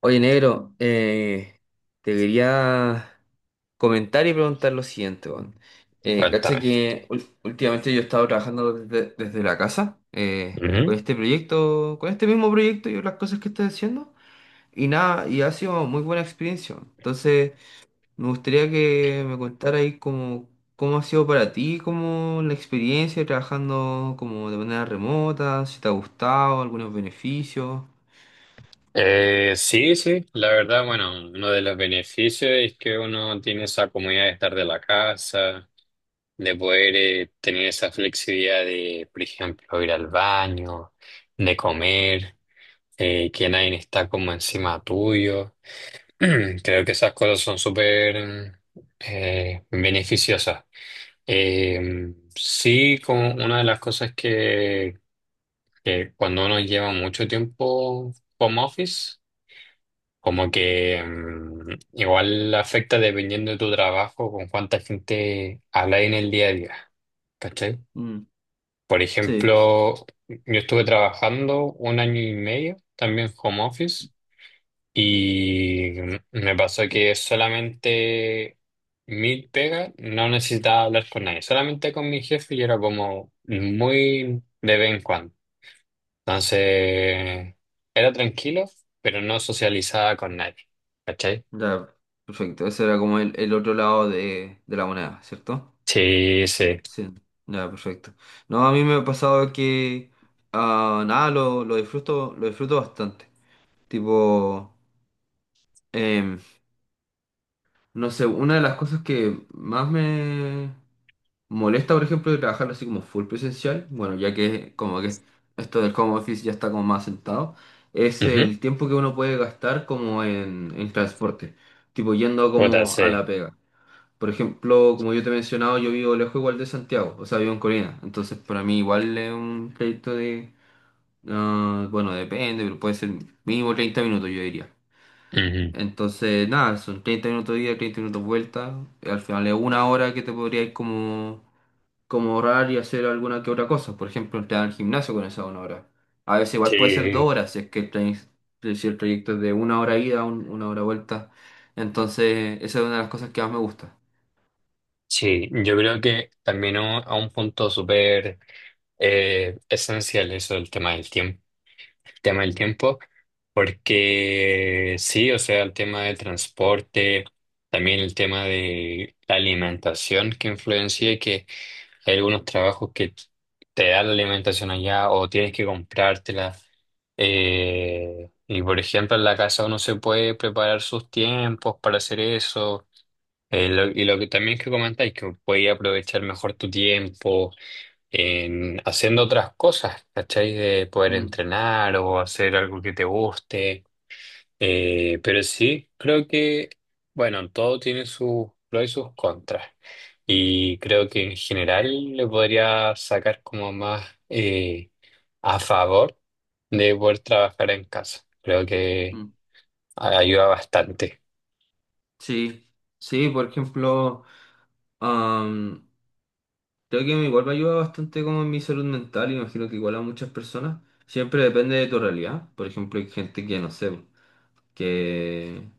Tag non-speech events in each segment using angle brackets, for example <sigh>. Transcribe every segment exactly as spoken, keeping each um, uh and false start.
Oye, negro, eh, te quería comentar y preguntar lo siguiente, weón. Eh, cacha Cuéntame. que ul- últimamente yo he estado trabajando desde, desde la casa eh, con Ujú. este proyecto, con este mismo proyecto y las cosas que estoy haciendo y nada, y ha sido muy buena experiencia. Weón. Entonces, me gustaría que me contara ahí cómo, cómo ha sido para ti, cómo la experiencia trabajando como de manera remota, si te ha gustado, algunos beneficios. Eh, sí, sí, la verdad, bueno, uno de los beneficios es que uno tiene esa comodidad de estar de la casa, de poder eh, tener esa flexibilidad de, por ejemplo, ir al baño, de comer, eh, que nadie está como encima tuyo. <clears throat> Creo que esas cosas son súper eh, beneficiosas. Eh, sí, como una de las cosas que que cuando uno lleva mucho tiempo home office, como que mm, igual afecta dependiendo de tu trabajo, con cuánta gente hablas en el día a día, ¿cachai? Mm, Por sí. ejemplo, yo estuve trabajando un año y medio también home office y me pasó que solamente mi pega no necesitaba hablar con nadie, solamente con mi jefe y era como muy de vez en cuando. Entonces, era tranquilo, pero no socializaba con nadie. ¿Cachai? Ya, perfecto. Ese era como el, el otro lado de, de la moneda, ¿cierto? Sí, sí. Sí, ya, perfecto. No, a mí me ha pasado que, ah, nada, lo, lo disfruto, lo disfruto bastante. Tipo, em, no sé, una de las cosas que más me molesta, por ejemplo, de trabajar así como full presencial, bueno, ya que como que esto del home office ya está como más sentado, es Ujú. el tiempo que uno puede gastar como en, en transporte, tipo yendo Puta, como a la sí. pega. Por ejemplo, como yo te he mencionado, yo vivo lejos igual de Santiago, o sea, vivo en Corina. Entonces, para mí igual es un trayecto de, ah, bueno, depende, pero puede ser mínimo treinta minutos, yo diría. Ujú. Entonces, nada, son treinta minutos de ida, treinta minutos de vuelta. Al final es una hora que te podrías como, como ahorrar y hacer alguna que otra cosa. Por ejemplo, entrar al gimnasio con esa una hora. A veces igual puede ser Sí, dos horas, si es que el, trai- si el trayecto es de una hora ida, un- una hora vuelta. Entonces, esa es una de las cosas que más me gusta. sí. Yo creo que también un- a un punto súper eh, esencial eso el tema del tiempo. Tema del tiempo, porque sí, o sea, el tema del transporte, también el tema de la alimentación que influencia y que hay algunos trabajos que t- te dan la alimentación allá o tienes que comprártela. Eh, y por ejemplo, en la casa uno se puede preparar sus tiempos para hacer eso. Eh, lo- y lo que también que comentáis, que puedes aprovechar mejor tu tiempo en haciendo otras cosas, ¿cachai? De poder Mm, entrenar o hacer algo que te guste. Eh, pero sí, creo que, bueno, todo tiene sus pros y sus contras. Y creo que en general le podría sacar como más eh, a favor de poder trabajar en casa. Creo que mm. a- ayuda bastante. Sí, sí, por ejemplo, am, creo que igual me ayuda bastante como en mi salud mental, y me imagino que igual a muchas personas, siempre depende de tu realidad, por ejemplo, hay gente que no sé, que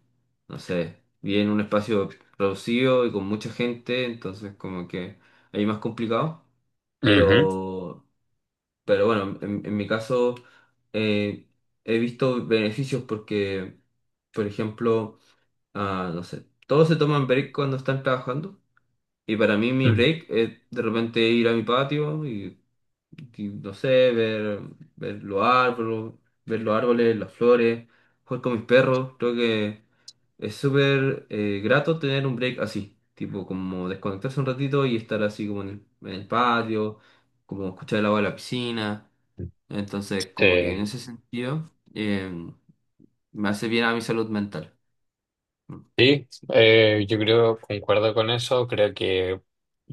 no sé, vive en un espacio reducido y con mucha gente, entonces como que ahí es más complicado, Ujú. pero, pero bueno, en, en mi caso eh, he visto beneficios porque, por ejemplo, ah, no sé. Todos se toman break cuando están trabajando. Y para mí mi Mm. break es de repente ir a mi patio y, y no sé, ver, ver los árboles, ver los árboles, las flores, jugar con mis perros. Creo que es súper eh, grato tener un break así. Tipo, como desconectarse un ratito y estar así como en el, en el patio, como escuchar el agua de la piscina. Entonces, como que en Eh, ese sentido, eh, me hace bien a mi salud mental. sí, eh, yo creo, concuerdo con eso. Creo que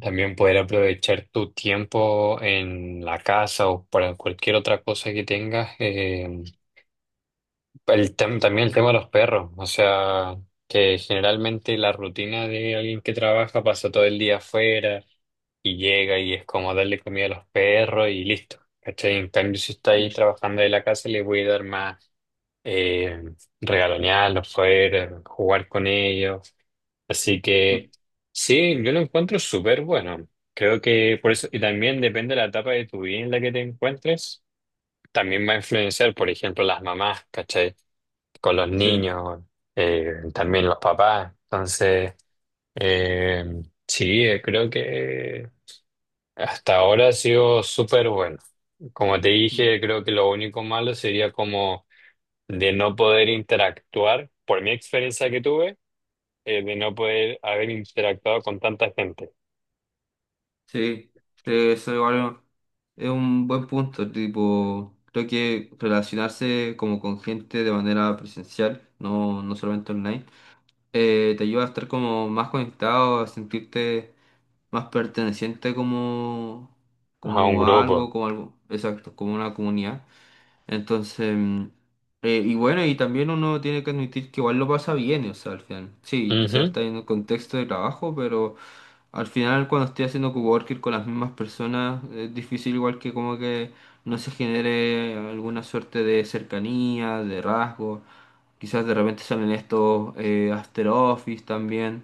también poder aprovechar tu tiempo en la casa o para cualquier otra cosa que tengas. eh, El tem- también el tema de los perros, o sea, que generalmente la rutina de alguien que trabaja pasa todo el día afuera y llega y es como darle comida a los perros y listo. ¿Cachai? En cambio, si está ahí Mm, trabajando de la casa, le voy a dar más eh, regalonearlos fuera, jugar con ellos. Así que mm, sí, yo lo encuentro súper bueno. Creo que por eso, y también depende de la etapa de tu vida en la que te encuentres, también va a influenciar, por ejemplo, las mamás, ¿cachai? Con los sí. niños, eh, también los papás. Entonces, eh, sí, eh, creo que hasta ahora ha sido súper bueno. Como te dije, creo que lo único malo sería como de no poder interactuar, por mi experiencia que tuve, eh, de no poder haber interactuado con tanta gente, Sí, sí, eso igual es un buen punto, tipo, creo que relacionarse como con gente de manera presencial, no, no solamente online, eh, te ayuda a estar como más conectado, a sentirte más perteneciente como, a un como a grupo. algo, como algo, exacto, como una comunidad. Entonces, mm, eh, y bueno, y también uno tiene que admitir que igual lo pasa bien, o sea, al final. Sí, quizás Ujú, está en un contexto de trabajo, pero al final cuando estoy haciendo coworking con las mismas personas, es difícil igual que como que no se genere alguna suerte de cercanía, de rasgo. Quizás de repente salen estos eh, after office también.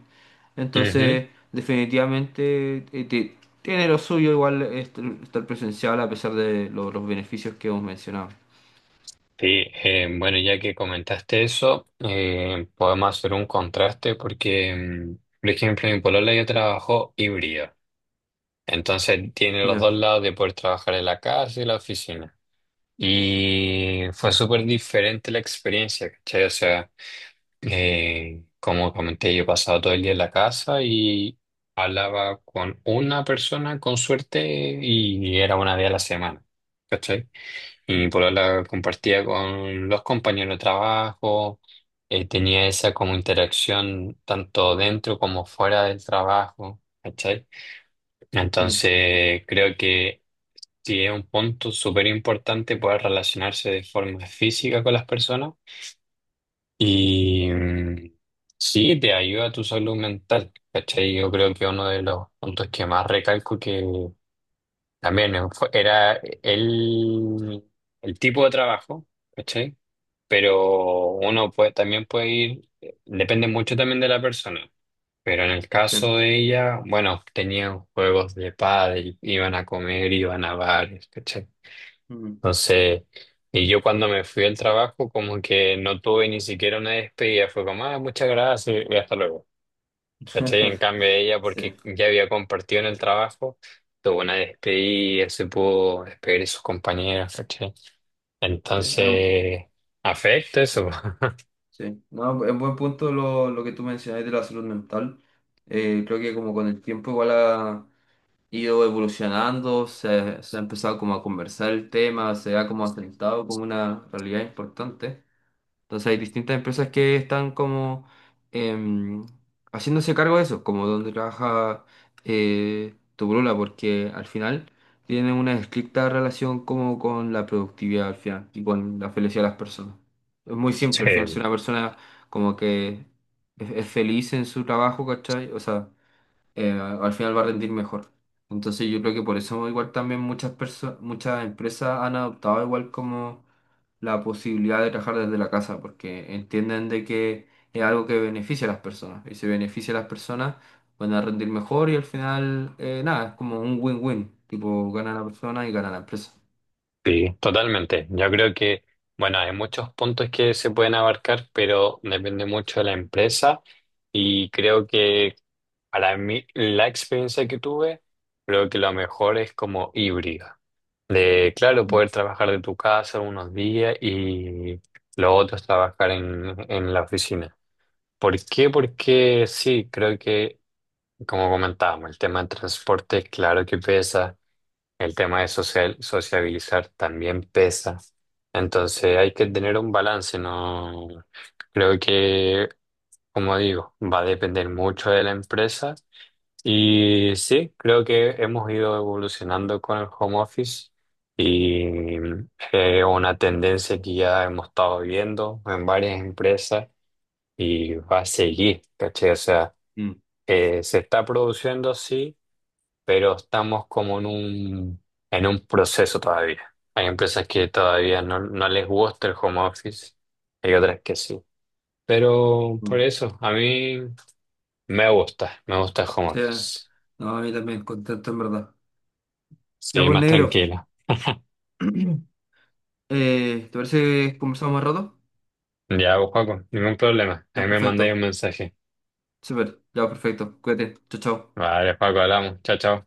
ujú. Entonces, definitivamente eh, te- tiene lo suyo igual est- estar presencial a pesar de lo- los beneficios que hemos mencionado. Sí, eh, bueno, ya que comentaste eso, eh, podemos hacer un contraste porque, mm, por ejemplo, mi polola ya trabajó híbrido, entonces tiene los Ya. dos lados de poder trabajar en la casa y la oficina. Y fue súper diferente la experiencia, ¿cachai? O sea, eh, como comenté, yo pasaba todo el día en la casa y hablaba con una persona con suerte y era una vez a la semana. ¿Cachai? Y mi polola compartía con los compañeros de trabajo, eh, tenía esa como interacción tanto dentro como fuera del trabajo, ¿cachai? Mm, Entonces creo que sí es un punto súper importante poder relacionarse de forma física con las personas y mm, sí te ayuda a tu salud mental, ¿cachai? Yo creo que uno de los puntos que más recalco que también fue- era el, el tipo de trabajo. ¿Cachai? Pero uno puede, también puede ir, depende mucho también de la persona. Pero en el sí. caso de ella, bueno, tenían juegos de pádel, iban a comer, iban a bares, ¿cachai? Mm. Entonces, y yo cuando me fui al trabajo, como que no tuve ni siquiera una despedida, fue como, ah, muchas gracias y hasta luego. ¿Cachai? En <laughs> cambio ella, Sí, porque ya había compartido en el trabajo, tuvo una despedida, se pudo despedir de sus compañeras, ¿cachai? sí, es un- Entonces, afecta eso. sí. No, es buen punto lo, lo que tú mencionaste de la salud mental. Eh, creo que como con el tiempo igual ha ido evolucionando, se, se ha empezado como a conversar el tema, se ha como asentado como una realidad importante. Entonces hay distintas empresas que están como em, haciéndose cargo de eso, como donde trabaja eh, tu polola, porque al final tiene una estricta relación como con la productividad al final y con la felicidad de las personas. Es muy <laughs> Sí. simple, al final si una persona como que es, es feliz en su trabajo, ¿cachai? O sea, eh, al final va a rendir mejor. Entonces yo creo que por eso igual también muchas personas, muchas empresas han adoptado igual como la posibilidad de trabajar desde la casa, porque entienden de que es algo que beneficia a las personas. Y si beneficia a las personas, van a rendir mejor y al final, eh, nada, es como un win-win. Tipo, gana la persona y gana la empresa. Sí, totalmente. Yo creo que, bueno, hay muchos puntos que se pueden abarcar, pero depende mucho de la empresa y creo que para mí la experiencia que tuve, creo que lo mejor es como híbrida. De, claro, poder trabajar de tu casa unos días y lo otro es trabajar en, en la oficina. ¿Por qué? Porque sí, creo que, como comentábamos, el tema del transporte, claro que pesa. El tema de social, sociabilizar también pesa. Entonces hay que tener un balance, ¿no? Creo que, como digo, va a depender mucho de la empresa. Y sí, creo que hemos ido evolucionando con el home office y mm, es una tendencia que ya hemos estado viendo en varias empresas y va a seguir, ¿cachai? O sea, Mm. eh, se está produciendo, sí pero estamos como en un, en un proceso todavía. Hay empresas que todavía no, no les gusta el home office, hay otras que sí. Pero por Mm. eso, a mí me gusta, me gusta el home Sí, office. no, a mí también contento en verdad. Ya Sí, pues más negro, tranquila. <clears throat> eh, ¿te parece que conversamos más rato? Ya, pues, Paco, ningún problema. Ya, Ahí me mandáis un perfecto. mensaje. Súper, ya, perfecto. Cuídate. Chao, chao. Vale, Paco, hablamos. Chao, chao.